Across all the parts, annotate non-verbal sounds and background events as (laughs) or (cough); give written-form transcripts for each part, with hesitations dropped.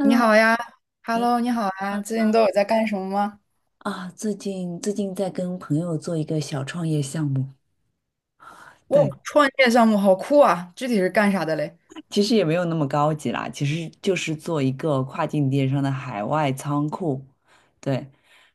你 好呀你，Hello，你好啊，最近都有在干什么吗？啊，最近在跟朋友做一个小创业项目，哇，对，创业项目好酷啊！具体是干啥的嘞？其实也没有那么高级啦，其实就是做一个跨境电商的海外仓库，对。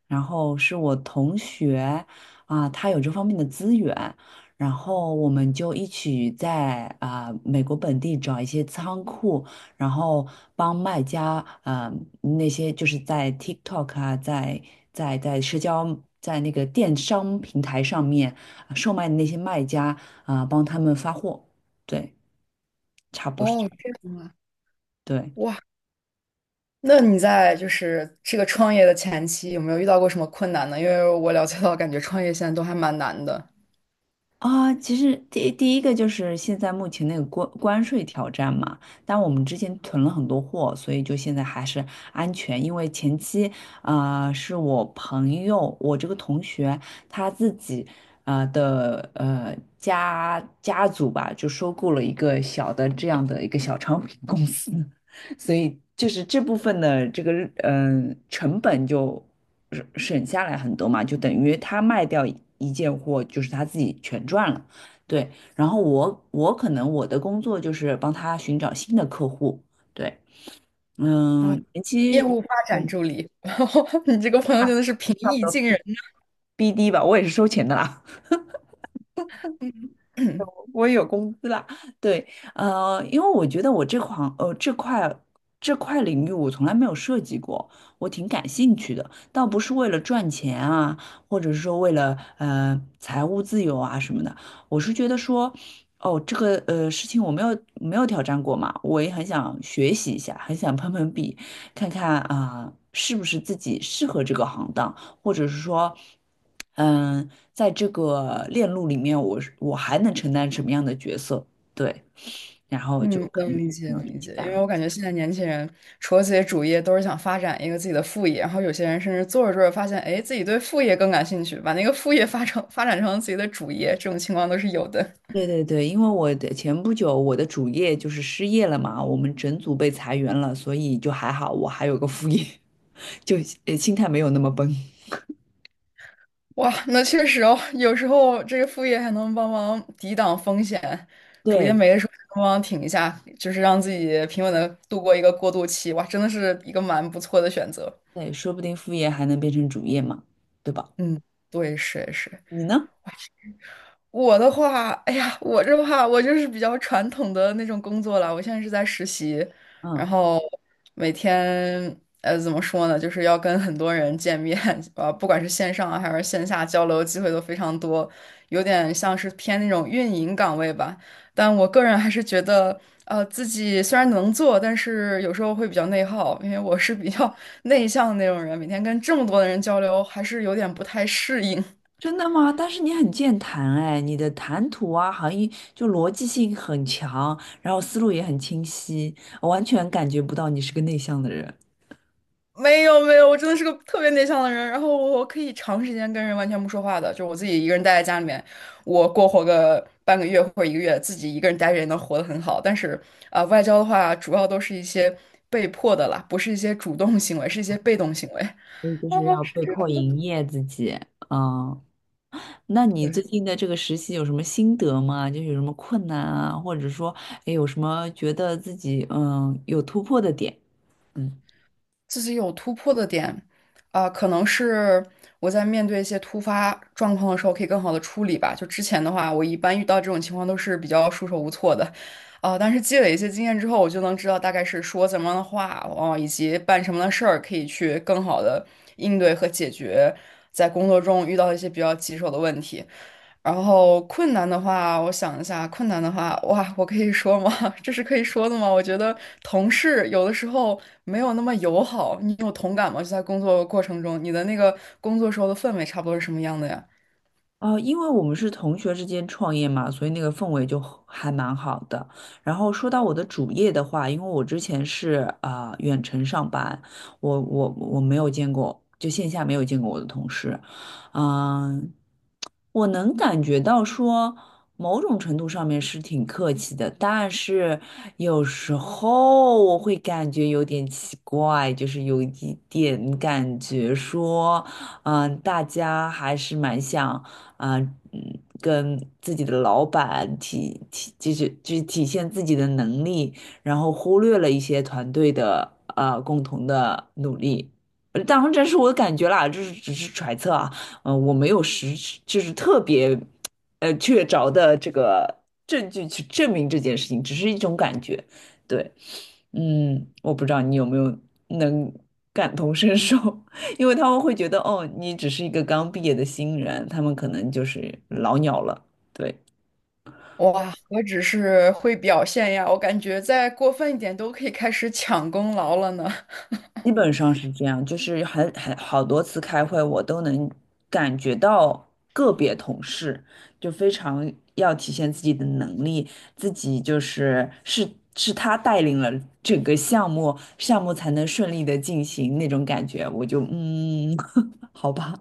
然后是我同学啊，他有这方面的资源，然后我们就一起在美国本地找一些仓库，然后帮卖家啊那些就是在 TikTok 啊，在社交在那个电商平台上面售卖的那些卖家啊，帮他们发货，对，差不多是哦，这样。这样对哇，那你在就是这个创业的前期有没有遇到过什么困难呢？因为我了解到，感觉创业现在都还蛮难的。啊，其实第一个就是现在目前那个关税挑战嘛，但我们之前囤了很多货，所以就现在还是安全。因为前期是我朋友，我这个同学他自己的家族吧，就收购了一个小的这样的一个小商品公司，所以就是这部分的这个成本就省下来很多嘛，就等于他卖掉一件货，就是他自己全赚了。对，然后我可能我的工作就是帮他寻找新的客户。对，哦，嗯，前业期务发我展助理，(laughs) 你这个朋友真的是平差不易多 近人。BD 吧，我也是收钱的啦。(clears throat) 我也有工资啦，对，因为我觉得我这块领域我从来没有涉及过，我挺感兴趣的，倒不是为了赚钱啊，或者是说为了财务自由啊什么的，我是觉得说，哦，这个事情我没有挑战过嘛，我也很想学习一下，很想碰碰壁，看看是不是自己适合这个行当。或者是说，在这个链路里面，我还能承担什么样的角色？对，然后就嗯，跟能理解，朋友能一理起解，因干为了。我感觉现在年轻人除了自己主业，都是想发展一个自己的副业，然后有些人甚至做着做着发现，哎，自己对副业更感兴趣，把那个副业发成发展成自己的主业，这种情况都是有的。对对对，因为前不久我的主业就是失业了嘛，我们整组被裁员了，所以就还好，我还有个副业，(laughs) 就心态没有那么崩。哇，那确实哦，有时候这个副业还能帮忙抵挡风险，主业对没的时候还能帮忙挺一下，就是让自己平稳的度过一个过渡期。哇，真的是一个蛮不错的选择。对，说不定副业还能变成主业嘛，对吧？嗯，对，是是。你呢？我的话，哎呀，我这话我就是比较传统的那种工作了。我现在是在实习，然嗯。后每天怎么说呢，就是要跟很多人见面，不管是线上啊还是线下交流，机会都非常多，有点像是偏那种运营岗位吧。但我个人还是觉得，自己虽然能做，但是有时候会比较内耗，因为我是比较 (laughs) 内向的那种人，每天跟这么多的人交流，还是有点不太适应。真的吗？但是你很健谈哎，你的谈吐啊，好像就逻辑性很强，然后思路也很清晰，我完全感觉不到你是个内向的人。没有没有，我真的是个特别内向的人，然后我可以长时间跟人完全不说话的，就我自己一个人待在家里面，我过活个半个月或者一个月，自己一个人待着也能活得很好。但是外交的话主要都是一些被迫的啦，不是一些主动行为，是一些被动行为。所以就哦，是要是被这迫样的。营业自己。嗯，那你最对近的这个实习有什么心得吗？就是有什么困难啊，或者说，哎，有什么觉得自己有突破的点？嗯。自己有突破的点，可能是我在面对一些突发状况的时候，可以更好的处理吧。就之前的话，我一般遇到这种情况都是比较束手无措的，但是积累一些经验之后，我就能知道大概是说怎么样的话，哦，以及办什么样的事儿，可以去更好的应对和解决在工作中遇到一些比较棘手的问题。然后困难的话，我想一下，困难的话，哇，我可以说吗？(laughs) 这是可以说的吗？我觉得同事有的时候没有那么友好，你有同感吗？就在工作过程中，你的那个工作时候的氛围差不多是什么样的呀？哦，因为我们是同学之间创业嘛，所以那个氛围就很还蛮好的。然后说到我的主业的话，因为我之前是远程上班，我没有见过，就线下没有见过我的同事，嗯、我能感觉到说，某种程度上面是挺客气的，但是有时候我会感觉有点奇怪，就是有一点感觉说，大家还是蛮想，啊、跟自己的老板体体，就是就是体现自己的能力，然后忽略了一些团队的共同的努力。当然，这是我的感觉啦，这是只是揣测啊。我没有实质就是特别确凿的这个证据去证明这件事情，只是一种感觉。对，我不知道你有没有能感同身受，(laughs) 因为他们会觉得哦，你只是一个刚毕业的新人，他们可能就是老鸟了。对。哇，何止是会表现呀，我感觉再过分一点都可以开始抢功劳了呢。基本上是这样，就是好多次开会，我都能感觉到个别同事就非常要体现自己的能力，自己就是他带领了整个项目，项目才能顺利的进行那种感觉，我就(laughs) 好吧，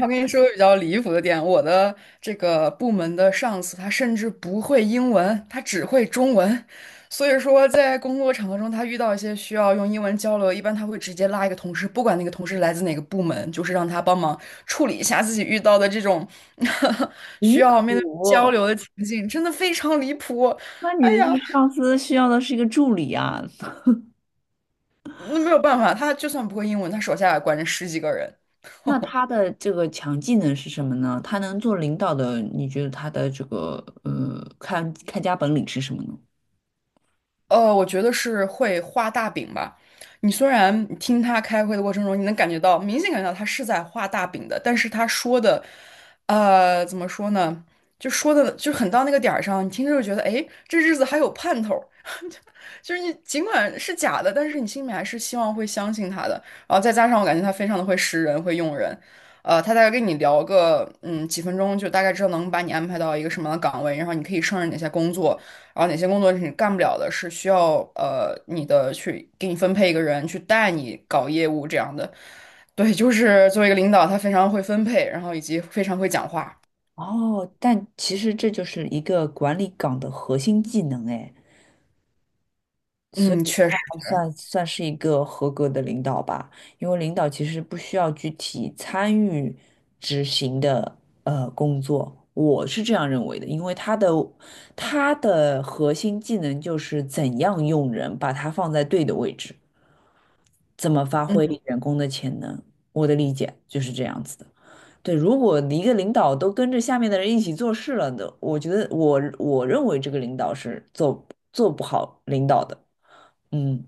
我跟你说个比较离谱的点，我的这个部门的上司他甚至不会英文，他只会中文，所以说在工作场合中，他遇到一些需要用英文交流，一般他会直接拉一个同事，不管那个同事来自哪个部门，就是让他帮忙处理一下自己遇到的这种 (laughs) 需你要面对交苦，流的情境，真的非常离谱。那你哎的这呀，个上司需要的是一个助理啊，那没有办法，他就算不会英文，他手下也管着十几个人。那他 (laughs) 的这个强技能是什么呢？他能做领导的，你觉得他的这个看家本领是什么呢？我觉得是会画大饼吧。你虽然听他开会的过程中，你能感觉到，明显感觉到他是在画大饼的，但是他说的，怎么说呢？就说的就很到那个点儿上，你听着就觉得，哎，这日子还有盼头儿就是你尽管是假的，但是你心里面还是希望会相信他的。然后再加上我感觉他非常的会识人，会用人，他大概跟你聊个嗯几分钟，就大概知道能把你安排到一个什么样的岗位，然后你可以胜任哪些工作，然后哪些工作是你干不了的，是需要你的去给你分配一个人去带你搞业务这样的。对，就是作为一个领导，他非常会分配，然后以及非常会讲话。哦，但其实这就是一个管理岗的核心技能哎，所嗯，以确他实还是。确实算是一个合格的领导吧，因为领导其实不需要具体参与执行的工作，我是这样认为的，因为他的核心技能就是怎样用人，把他放在对的位置。怎么发嗯挥员工的潜能？我的理解就是这样子的。对，如果一个领导都跟着下面的人一起做事了的，我觉得我认为这个领导是做不好领导的。嗯，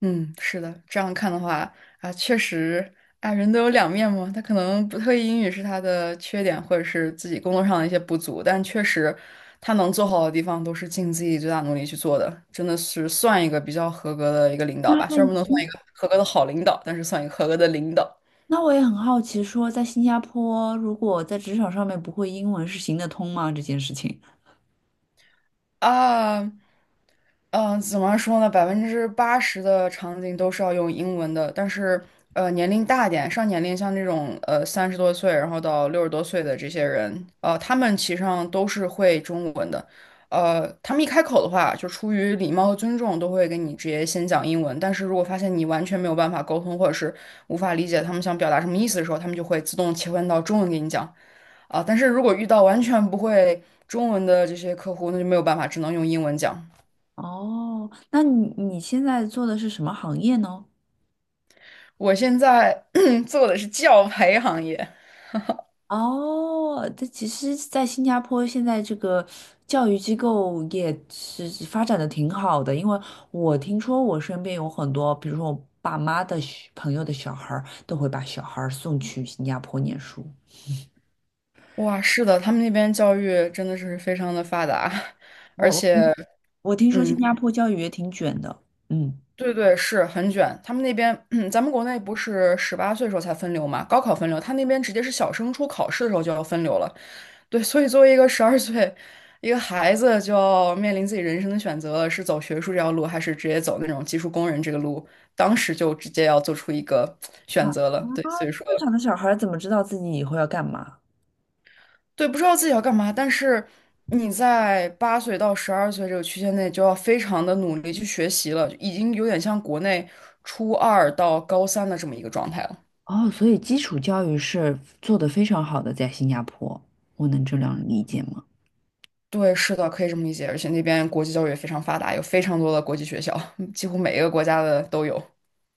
嗯，是的，这样看的话啊，确实啊，人都有两面嘛。他可能不特意英语是他的缺点，或者是自己工作上的一些不足，但确实他能做好的地方都是尽自己最大努力去做的，真的是算一个比较合格的一个领导那吧。那虽然不已能算经一个合格的好领导，但是算一个合格的领导那我也很好奇说，在新加坡，如果在职场上面不会英文是行得通吗？这件事情。啊。嗯，怎么说呢？80%的场景都是要用英文的，但是年龄大一点，上年龄像这种30多岁，然后到60多岁的这些人，他们其实上都是会中文的。他们一开口的话，就出于礼貌和尊重，都会跟你直接先讲英文。但是如果发现你完全没有办法沟通，或者是无法理解他们想表达什么意思的时候，他们就会自动切换到中文给你讲啊。但是如果遇到完全不会中文的这些客户，那就没有办法，只能用英文讲。哦，那你现在做的是什么行业呢？我现在 (clears throat) 做的是教培行业，哦，这其实，在新加坡现在这个教育机构也是发展的挺好的，因为我听说我身边有很多，比如说我爸妈的小朋友的小孩儿，都会把小孩儿送去新加坡念书。哇，是的，他们那边教育真的是非常的发达，(laughs) 我而我听且，我听说新嗯，加坡教育也挺卷的，嗯对对，是很卷。他们那边，(clears throat) 咱们国内不是18岁时候才分流嘛，高考分流，他那边直接是小升初考试的时候就要分流了。对，所以作为一个十二岁一个孩子，就要面临自己人生的选择了，是走学术这条路，还是直接走那种技术工人这个路，当时就直接要做出一个啊选啊，择了。对，所以说。正常的小孩儿怎么知道自己以后要干嘛？对，不知道自己要干嘛，但是你在8岁到12岁这个区间内就要非常的努力去学习了，已经有点像国内初二到高三的这么一个状态了。哦，所以基础教育是做得非常好的，在新加坡，我能这样理解吗？对，是的，可以这么理解，而且那边国际教育也非常发达，有非常多的国际学校，(laughs) 几乎每一个国家的都有。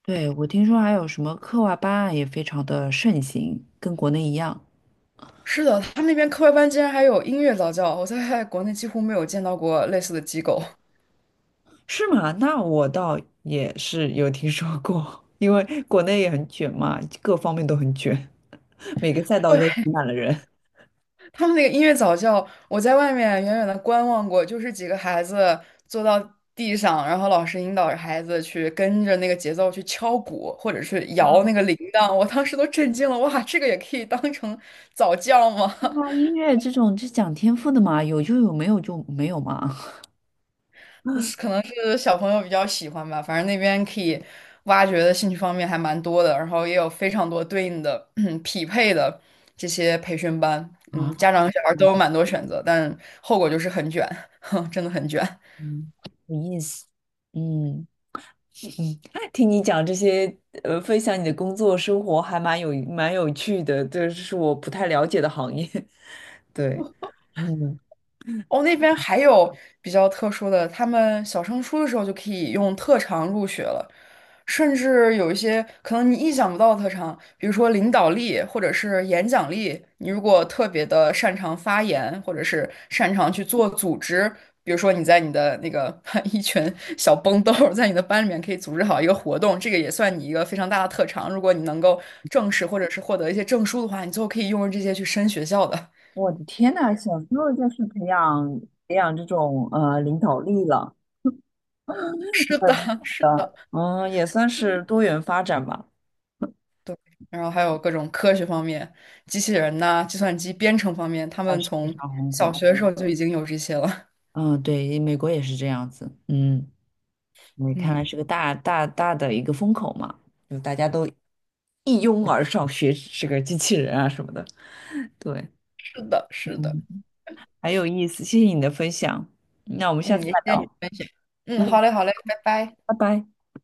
对，我听说还有什么课外班啊，也非常的盛行，跟国内一样。是的，他们那边课外班竟然还有音乐早教，我在国内几乎没有见到过类似的机构。是吗？那我倒也是有听说过，因为国内也很卷嘛，各方面都很卷，每个赛道对，都挤满了人。他们那个音乐早教，我在外面远远的观望过，就是几个孩子坐到地上，然后老师引导着孩子去跟着那个节奏去敲鼓，或者是摇那个铃铛。我当时都震惊了，哇，这个也可以当成早教吗？对啊，音乐这种是讲天赋的嘛，有就有，没有就没有嘛。(laughs) 是 (laughs) 可能是小朋友比较喜欢吧，反正那边可以挖掘的兴趣方面还蛮多的，然后也有非常多对应的 (clears throat) 匹配的这些培训班，嗯，家啊，长和小孩都有蛮多选择，但后果就是很卷，(laughs) 真的很卷。嗯，有意思。嗯，哎听你讲这些，分享你的工作生活还蛮有趣的，这是我不太了解的行业。对，嗯，哦，那边还有比较特殊的，他们小升初的时候就可以用特长入学了，甚至有一些可能你意想不到的特长，比如说领导力或者是演讲力，你如果特别的擅长发言，或者是擅长去做组织，比如说你在你的那个 (laughs) 一群小崩豆儿在你的班里面可以组织好一个活动，这个也算你一个非常大的特长。如果你能够正式或者是获得一些证书的话，你最后可以用这些去升学校的。(laughs) 我的天呐，小时候就是培养这种领导力了，是的，是的。嗯，也算是多元发展吧。然后还有各种科学方面，机器人呐、计算机编程方面，他还们是非从常红小火。学的时候就已经有这些了。嗯，对，美国也是这样子。嗯，你看嗯，来是个大的一个风口嘛，就大家都一拥而上学这个机器人啊什么的。对，(laughs) 是的，是的，嗯，很有意思，谢谢你的分享。那我们下嗯，次也再谢谢你的聊。分享。嗯，嗯，好嘞，好嘞，拜拜。拜拜。